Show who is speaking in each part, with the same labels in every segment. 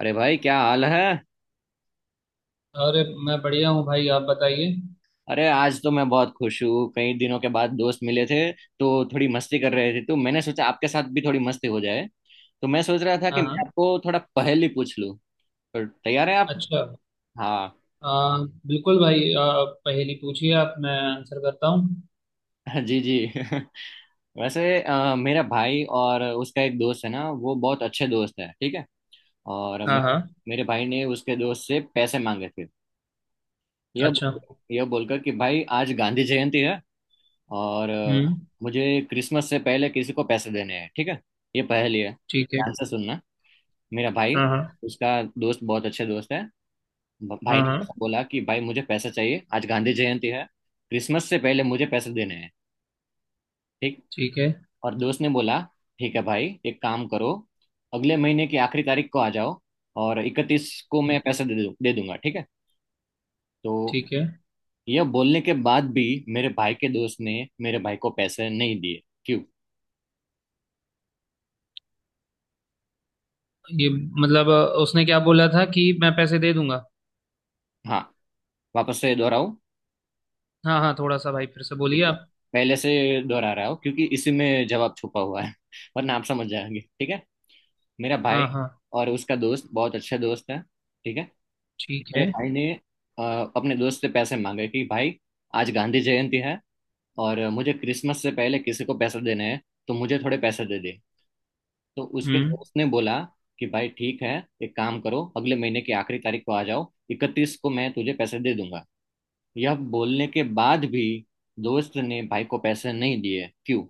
Speaker 1: अरे भाई, क्या हाल है।
Speaker 2: अरे मैं बढ़िया हूँ भाई। आप बताइए।
Speaker 1: अरे आज तो मैं बहुत खुश हूँ। कई दिनों के बाद दोस्त मिले थे तो थोड़ी मस्ती कर रहे थे, तो मैंने सोचा आपके साथ भी थोड़ी मस्ती हो जाए। तो मैं सोच रहा था कि
Speaker 2: हाँ
Speaker 1: मैं
Speaker 2: हाँ।
Speaker 1: आपको थोड़ा पहेली पूछ लूँ। तो तैयार हैं आप?
Speaker 2: अच्छा।
Speaker 1: हाँ।
Speaker 2: आ, बिल्कुल भाई पहेली पूछिए। आप मैं आंसर करता हूँ।
Speaker 1: जी जी। वैसे मेरा भाई और उसका एक दोस्त है ना, वो बहुत अच्छे दोस्त है, ठीक है। और
Speaker 2: हाँ
Speaker 1: मेरे
Speaker 2: हाँ।
Speaker 1: मेरे भाई ने उसके दोस्त से पैसे मांगे थे। यह
Speaker 2: अच्छा।
Speaker 1: यह बोलकर कि भाई आज गांधी जयंती है। और
Speaker 2: हम्म।
Speaker 1: मुझे क्रिसमस से पहले किसी को पैसे देने हैं, ठीक है। ये पहेली है,
Speaker 2: ठीक है।
Speaker 1: ध्यान से सुनना। मेरा भाई,
Speaker 2: हाँ हाँ।
Speaker 1: उसका दोस्त, बहुत अच्छे दोस्त है। भाई
Speaker 2: हाँ
Speaker 1: ने ऐसा
Speaker 2: हाँ।
Speaker 1: बोला कि भाई मुझे पैसे चाहिए, आज गांधी जयंती है, क्रिसमस से पहले मुझे पैसे देने हैं, ठीक।
Speaker 2: ठीक है।
Speaker 1: और दोस्त ने बोला, ठीक है भाई, एक काम करो, अगले महीने की आखिरी तारीख को आ जाओ, और 31 को मैं पैसे दे दूंगा, ठीक है तो।
Speaker 2: ठीक है।
Speaker 1: यह बोलने के बाद भी मेरे भाई के दोस्त ने मेरे भाई को पैसे नहीं दिए, क्यों?
Speaker 2: ये मतलब उसने क्या बोला था कि मैं पैसे दे दूंगा।
Speaker 1: हाँ। वापस से दोहराऊं,
Speaker 2: हाँ हाँ, थोड़ा सा भाई फिर से बोलिए
Speaker 1: ठीक है।
Speaker 2: आप।
Speaker 1: पहले से दोहरा रहा हूँ क्योंकि इसी में जवाब छुपा हुआ है, वरना आप समझ जाएंगे, ठीक है। मेरा भाई
Speaker 2: हाँ हाँ।
Speaker 1: और उसका दोस्त बहुत अच्छा दोस्त है, ठीक है।
Speaker 2: ठीक है।
Speaker 1: मेरे भाई ने अ, अपने दोस्त से पैसे मांगे कि भाई आज गांधी जयंती है और मुझे क्रिसमस से पहले किसी को पैसे देने हैं, तो मुझे थोड़े पैसे दे दे। तो उसके
Speaker 2: हम्म।
Speaker 1: दोस्त ने बोला कि भाई ठीक है, एक काम करो, अगले महीने की आखिरी तारीख को आ जाओ, 31 को मैं तुझे पैसे दे दूंगा। यह बोलने के बाद भी दोस्त ने भाई को पैसे नहीं दिए, क्यों?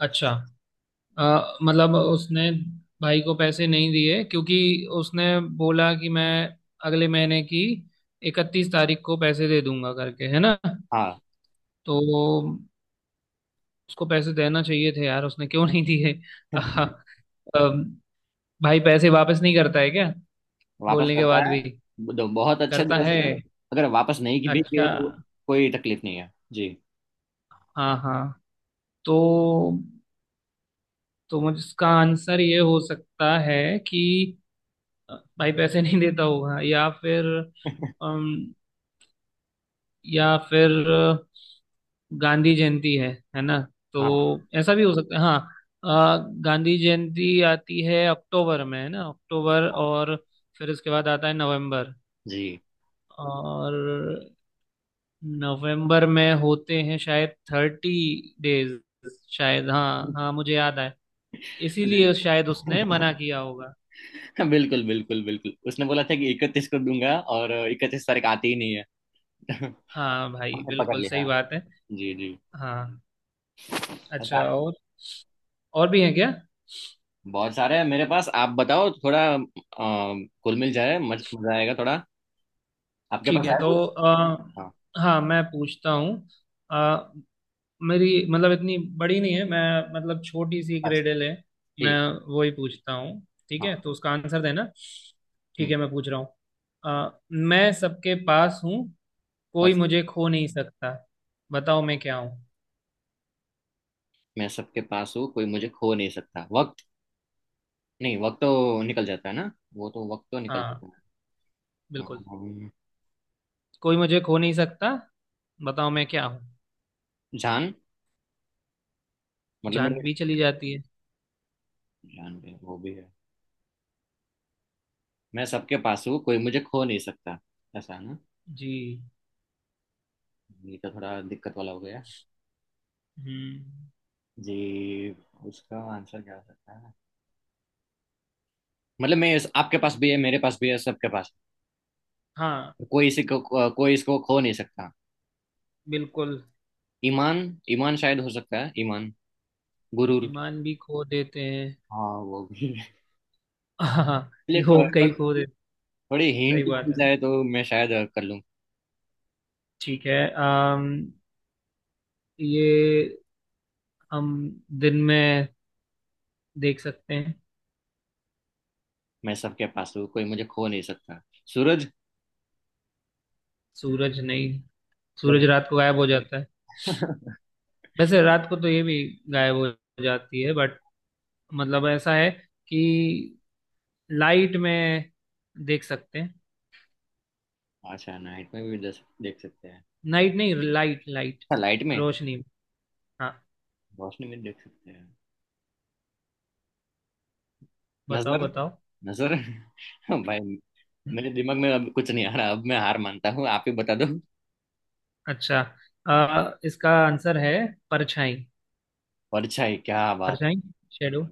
Speaker 2: अच्छा। मतलब उसने भाई को पैसे नहीं दिए क्योंकि उसने बोला कि मैं अगले महीने की इकतीस तारीख को पैसे दे दूंगा करके, है ना।
Speaker 1: हाँ,
Speaker 2: तो उसको पैसे देना चाहिए थे यार, उसने क्यों नहीं दिए? अह, अम, भाई पैसे वापस नहीं करता है क्या?
Speaker 1: वापस
Speaker 2: बोलने के
Speaker 1: करता
Speaker 2: बाद
Speaker 1: है।
Speaker 2: भी।
Speaker 1: बहुत अच्छे
Speaker 2: करता
Speaker 1: दोस्त
Speaker 2: है।
Speaker 1: है, अगर वापस नहीं की भी
Speaker 2: अच्छा।
Speaker 1: किए तो कोई तकलीफ नहीं है जी।
Speaker 2: हाँ हाँ। तो तो मुझे इसका आंसर ये हो सकता है कि भाई पैसे नहीं देता होगा, या फिर या फिर अ, गांधी जयंती है ना। तो
Speaker 1: हाँ,
Speaker 2: ऐसा भी हो सकता है हाँ। गांधी जयंती आती है अक्टूबर में, है ना। अक्टूबर और फिर उसके बाद आता है नवंबर।
Speaker 1: जी
Speaker 2: और नवंबर में होते हैं शायद थर्टी डेज शायद। हाँ हाँ, मुझे याद आया।
Speaker 1: जी।
Speaker 2: इसीलिए शायद उसने मना किया होगा।
Speaker 1: बिल्कुल बिल्कुल बिल्कुल, उसने बोला था कि 31 को दूंगा और 31 तारीख आती ही नहीं है। हमने
Speaker 2: हाँ भाई
Speaker 1: पकड़
Speaker 2: बिल्कुल सही
Speaker 1: लिया।
Speaker 2: बात है।
Speaker 1: जी जी।
Speaker 2: हाँ।
Speaker 1: ऐसा
Speaker 2: अच्छा, और भी है क्या?
Speaker 1: बहुत सारे हैं मेरे पास, आप बताओ थोड़ा, कुल मिल जाए, मजा आएगा थोड़ा। आपके
Speaker 2: ठीक
Speaker 1: पास
Speaker 2: है
Speaker 1: है
Speaker 2: तो
Speaker 1: कुछ? हाँ।
Speaker 2: हाँ, मैं पूछता हूँ। मेरी मतलब इतनी बड़ी नहीं है, मैं मतलब छोटी सी
Speaker 1: अच्छा।
Speaker 2: ग्रेडल है। मैं
Speaker 1: ठीक।
Speaker 2: वही पूछता हूँ। ठीक है,
Speaker 1: हाँ।
Speaker 2: तो उसका आंसर देना। ठीक
Speaker 1: हम्म।
Speaker 2: है, मैं पूछ रहा हूँ। मैं सबके पास हूँ, कोई
Speaker 1: बस।
Speaker 2: मुझे खो नहीं सकता, बताओ मैं क्या हूँ?
Speaker 1: मैं सबके पास हूँ, कोई मुझे खो नहीं सकता। वक्त? नहीं, वक्त तो निकल जाता है ना। वो तो वक्त तो निकल
Speaker 2: हाँ।
Speaker 1: जाता है।
Speaker 2: बिल्कुल।
Speaker 1: अम,
Speaker 2: कोई मुझे खो नहीं सकता, बताओ मैं क्या हूँ?
Speaker 1: जान। मतलब
Speaker 2: जान
Speaker 1: मेरे,
Speaker 2: भी चली जाती है।
Speaker 1: जान भी है, वो भी है। मैं सबके पास हूँ, कोई मुझे खो नहीं सकता, ऐसा है ना?
Speaker 2: जी।
Speaker 1: ये तो थोड़ा दिक्कत वाला हो गया
Speaker 2: हम्म।
Speaker 1: जी। उसका आंसर क्या हो सकता है? मतलब मैं आपके पास भी है, मेरे पास भी है, सबके पास
Speaker 2: हाँ।
Speaker 1: है। कोई इसी को कोई इसको खो नहीं सकता।
Speaker 2: बिल्कुल।
Speaker 1: ईमान। ईमान शायद हो सकता है, ईमान। गुरूर?
Speaker 2: ईमान भी खो देते हैं।
Speaker 1: हाँ वो भी है।
Speaker 2: हाँ,
Speaker 1: चलिए, थो-
Speaker 2: लोग कई
Speaker 1: थो-
Speaker 2: खो देते।
Speaker 1: थोड़ी
Speaker 2: सही
Speaker 1: हिंट
Speaker 2: बात
Speaker 1: मिल
Speaker 2: है।
Speaker 1: जाए तो मैं शायद कर लूँ।
Speaker 2: ठीक है। अम ये, हम दिन में देख सकते हैं।
Speaker 1: मैं सबके पास हूँ, कोई मुझे खो नहीं सकता। सूरज?
Speaker 2: सूरज नहीं, सूरज
Speaker 1: जरूर।
Speaker 2: रात को गायब हो जाता है। वैसे रात को तो ये भी गायब हो जाती है बट, मतलब ऐसा है कि लाइट में देख सकते हैं।
Speaker 1: अच्छा, नाइट में भी देख सकते हैं।
Speaker 2: नाइट नहीं, लाइट लाइट।
Speaker 1: अच्छा, लाइट में,
Speaker 2: रोशनी में। हाँ।
Speaker 1: रोशनी में देख सकते हैं।
Speaker 2: बताओ
Speaker 1: नजर?
Speaker 2: बताओ।
Speaker 1: नजर। भाई मेरे दिमाग में अब कुछ नहीं आ रहा, अब मैं हार मानता हूँ, आप ही बता दो।
Speaker 2: अच्छा, इसका आंसर है परछाई।
Speaker 1: परछाई? क्या बात।
Speaker 2: परछाई, शेडो,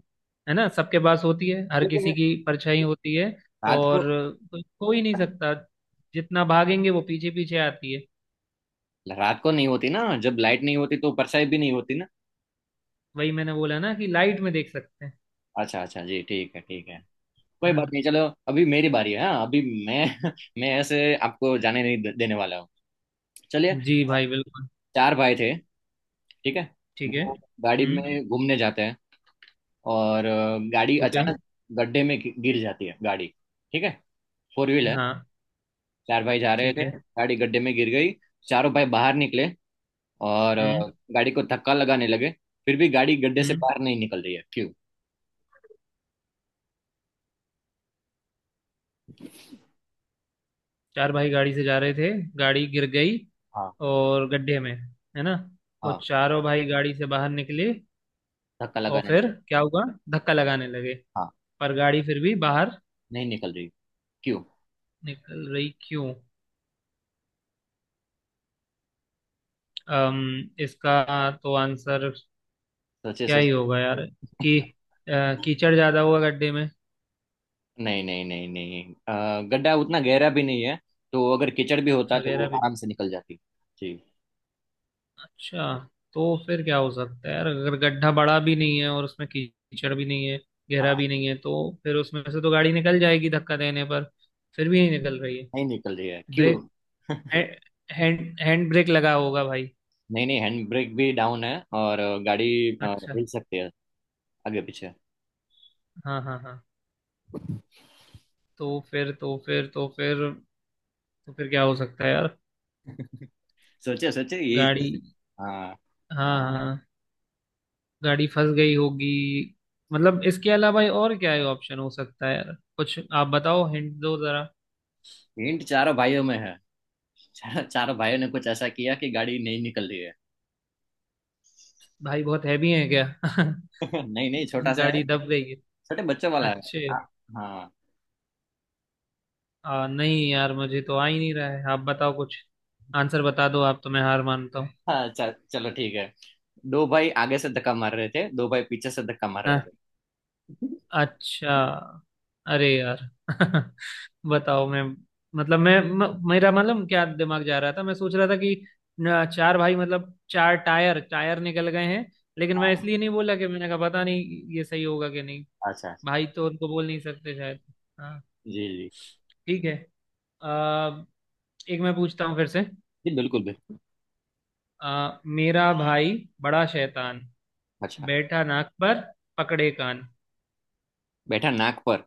Speaker 2: है ना? सबके पास होती है, हर किसी
Speaker 1: लेकिन
Speaker 2: की परछाई होती है।
Speaker 1: रात को
Speaker 2: और कोई खो ही नहीं सकता। जितना भागेंगे वो पीछे पीछे आती है।
Speaker 1: रात को नहीं होती ना, जब लाइट नहीं होती तो परछाई भी नहीं होती ना।
Speaker 2: वही मैंने बोला ना कि लाइट में देख सकते हैं।
Speaker 1: अच्छा अच्छा जी, ठीक है ठीक है,
Speaker 2: है
Speaker 1: कोई
Speaker 2: ना।
Speaker 1: बात नहीं, चलो। अभी मेरी बारी है, हाँ अभी मैं मैं ऐसे आपको जाने नहीं देने वाला हूँ। चलिए।
Speaker 2: जी भाई बिल्कुल।
Speaker 1: चार भाई थे, ठीक है।
Speaker 2: ठीक है।
Speaker 1: वो गाड़ी
Speaker 2: हम्म।
Speaker 1: में घूमने जाते हैं, और गाड़ी
Speaker 2: ओके।
Speaker 1: अचानक गड्ढे में गिर जाती है गाड़ी, ठीक है। फोर व्हील है।
Speaker 2: हाँ।
Speaker 1: चार भाई जा रहे
Speaker 2: ठीक
Speaker 1: थे,
Speaker 2: है।
Speaker 1: गाड़ी गड्ढे में गिर गई। चारों भाई बाहर निकले और
Speaker 2: हम्म।
Speaker 1: गाड़ी को धक्का लगाने लगे। फिर भी गाड़ी गड्ढे से
Speaker 2: हम्म।
Speaker 1: बाहर नहीं निकल रही है, क्यों?
Speaker 2: चार भाई गाड़ी से जा रहे थे, गाड़ी गिर गई
Speaker 1: हाँ
Speaker 2: और गड्ढे में, है ना। और
Speaker 1: हाँ,
Speaker 2: चारों भाई गाड़ी से बाहर निकले,
Speaker 1: धक्का
Speaker 2: और
Speaker 1: लगाने
Speaker 2: फिर
Speaker 1: लगे।
Speaker 2: क्या हुआ? धक्का लगाने लगे,
Speaker 1: हाँ।
Speaker 2: पर गाड़ी फिर भी बाहर
Speaker 1: नहीं निकल रही, क्यों?
Speaker 2: निकल रही, क्यों? इसका तो आंसर
Speaker 1: सोचे
Speaker 2: क्या
Speaker 1: सोच।
Speaker 2: ही होगा यार, कि अ, कीचड़ ज्यादा हुआ गड्ढे में।
Speaker 1: नहीं नहीं नहीं नहीं, गड्ढा उतना गहरा भी नहीं है, तो अगर कीचड़ भी होता
Speaker 2: अच्छा,
Speaker 1: तो वो
Speaker 2: गहरा भी।
Speaker 1: आराम से निकल जाती जी।
Speaker 2: अच्छा, तो फिर क्या हो सकता है यार, अगर गड्ढा बड़ा भी नहीं है और उसमें कीचड़ भी नहीं है, गहरा
Speaker 1: हाँ,
Speaker 2: भी नहीं है तो। फिर उसमें से तो गाड़ी निकल जाएगी धक्का देने पर। फिर भी नहीं निकल रही है।
Speaker 1: नहीं निकल रही है, क्यों?
Speaker 2: ब्रेक है, हैंड हैंड ब्रेक लगा होगा भाई।
Speaker 1: नहीं नहीं, हैंड ब्रेक भी डाउन है और गाड़ी
Speaker 2: अच्छा।
Speaker 1: हिल सकती है आगे पीछे।
Speaker 2: हाँ हाँ हाँ। तो फिर तो फिर तो फिर तो फिर क्या हो सकता है यार?
Speaker 1: सोचे सोचे, यही तो-
Speaker 2: गाड़ी
Speaker 1: हाँ।
Speaker 2: हाँ हाँ, गाड़ी फंस गई होगी। मतलब इसके अलावा और क्या है ऑप्शन हो सकता है यार कुछ, आप बताओ हिंट दो जरा।
Speaker 1: हिंट चारों भाइयों में है। चारों भाइयों ने कुछ ऐसा किया कि गाड़ी नहीं निकल रही है।
Speaker 2: भाई बहुत हैवी है क्या?
Speaker 1: नहीं नहीं, छोटा सा है,
Speaker 2: गाड़ी दब गई है।
Speaker 1: छोटे बच्चों वाला है।
Speaker 2: अच्छे।
Speaker 1: हाँ। हाँ।
Speaker 2: नहीं यार, मुझे तो आ ही नहीं रहा है, आप बताओ कुछ। आंसर बता दो आप, तो मैं हार मानता हूँ।
Speaker 1: हाँ, चलो ठीक है। दो भाई आगे से धक्का मार रहे थे, दो भाई पीछे से धक्का मार
Speaker 2: हाँ।
Speaker 1: रहे थे।
Speaker 2: अच्छा, अरे यार। बताओ, मैं मतलब मेरा मतलब क्या दिमाग जा रहा था, मैं सोच रहा था कि न, चार भाई मतलब चार टायर टायर निकल गए हैं। लेकिन मैं
Speaker 1: हाँ
Speaker 2: इसलिए नहीं बोला कि मैंने कहा पता नहीं ये सही होगा कि नहीं।
Speaker 1: अच्छा।
Speaker 2: भाई तो उनको बोल नहीं सकते शायद। हाँ।
Speaker 1: जी जी।
Speaker 2: ठीक है। आ, एक मैं पूछता हूँ फिर से।
Speaker 1: जी, बिल्कुल बिल्कुल।
Speaker 2: मेरा भाई बड़ा शैतान,
Speaker 1: अच्छा,
Speaker 2: बैठा नाक पर, पकड़े कान।
Speaker 1: बैठा नाक पर,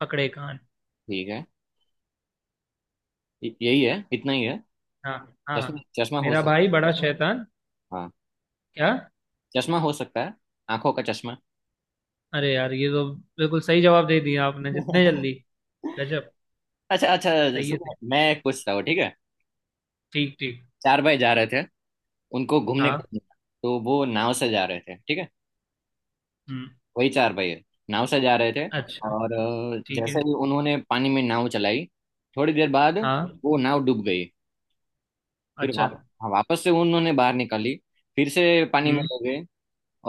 Speaker 2: पकड़े कान।
Speaker 1: ठीक है। यही है, इतना ही है?
Speaker 2: हाँ हाँ
Speaker 1: चश्मा?
Speaker 2: हाँ।
Speaker 1: चश्मा हो
Speaker 2: मेरा भाई
Speaker 1: सकता है।
Speaker 2: बड़ा शैतान।
Speaker 1: हाँ,
Speaker 2: क्या?
Speaker 1: चश्मा हो सकता है, आंखों का चश्मा।
Speaker 2: अरे यार, ये तो बिल्कुल सही जवाब दे दिया आपने जितने जल्दी। गजब।
Speaker 1: अच्छा अच्छा,
Speaker 2: सही है।
Speaker 1: सुनो मैं पूछता हूँ, ठीक है।
Speaker 2: ठीक ठीक।
Speaker 1: चार भाई जा रहे थे, उनको घूमने का
Speaker 2: हाँ।
Speaker 1: मन था, तो वो नाव से जा रहे थे, ठीक है।
Speaker 2: हम्म।
Speaker 1: वही चार भाई है, नाव से जा रहे थे।
Speaker 2: अच्छा।
Speaker 1: और
Speaker 2: ठीक है।
Speaker 1: जैसे ही उन्होंने पानी में नाव चलाई, थोड़ी देर बाद
Speaker 2: हाँ।
Speaker 1: वो नाव डूब गई। फिर
Speaker 2: अच्छा।
Speaker 1: हाँ, वापस से उन्होंने बाहर निकाली। फिर से पानी में
Speaker 2: हम्म।
Speaker 1: हो गए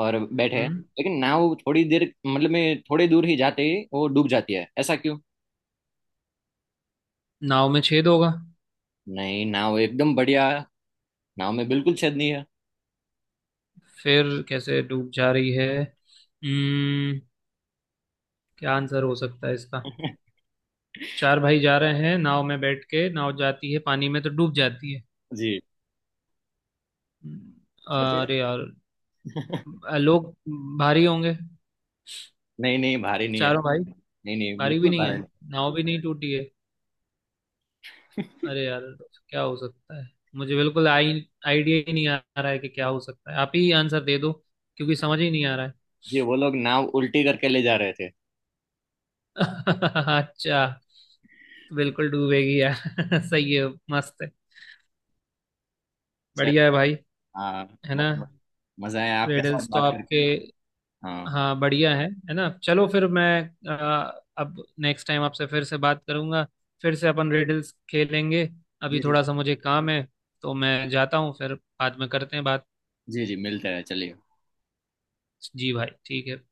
Speaker 1: और बैठे,
Speaker 2: हम्म।
Speaker 1: लेकिन नाव थोड़ी देर, मतलब में थोड़ी दूर ही जाते ही वो डूब जाती है, ऐसा क्यों?
Speaker 2: नाव में छेद होगा।
Speaker 1: नहीं, नाव एकदम बढ़िया, नाव में बिल्कुल छेद नहीं है
Speaker 2: फिर कैसे डूब जा रही है? क्या आंसर हो सकता है इसका? चार भाई जा रहे हैं नाव में बैठ के, नाव जाती है पानी में तो डूब जाती है।
Speaker 1: जी।
Speaker 2: हम्म।
Speaker 1: नहीं
Speaker 2: अरे यार, लोग भारी होंगे।
Speaker 1: नहीं, भारी नहीं है।
Speaker 2: चारों भाई।
Speaker 1: नहीं नहीं,
Speaker 2: भारी भी
Speaker 1: बिल्कुल
Speaker 2: नहीं है।
Speaker 1: भारी
Speaker 2: नाव भी नहीं टूटी है। अरे यार, क्या हो सकता है? मुझे बिल्कुल आई आइडिया ही नहीं आ रहा है कि क्या हो सकता है, आप ही आंसर दे दो। क्योंकि समझ ही नहीं आ रहा।
Speaker 1: जी। वो लोग नाव उल्टी करके ले जा रहे थे।
Speaker 2: है? अच्छा। तो बिल्कुल डूबेगी यार। सही है, मस्त है।
Speaker 1: चल
Speaker 2: बढ़िया है भाई।
Speaker 1: हाँ,
Speaker 2: है
Speaker 1: बहुत
Speaker 2: ना।
Speaker 1: बहुत मजा आया आपके साथ
Speaker 2: रिडल्स तो
Speaker 1: बात करके।
Speaker 2: आपके।
Speaker 1: हाँ
Speaker 2: हाँ, बढ़िया है ना? चलो फिर मैं। अब नेक्स्ट टाइम आपसे फिर से बात करूंगा। फिर से अपन रिडल्स खेलेंगे। अभी
Speaker 1: जी जी।
Speaker 2: थोड़ा सा मुझे काम है। तो मैं जाता हूँ, फिर बाद में करते हैं बात।
Speaker 1: जी जी, मिलते हैं, चलिए।
Speaker 2: जी भाई ठीक है।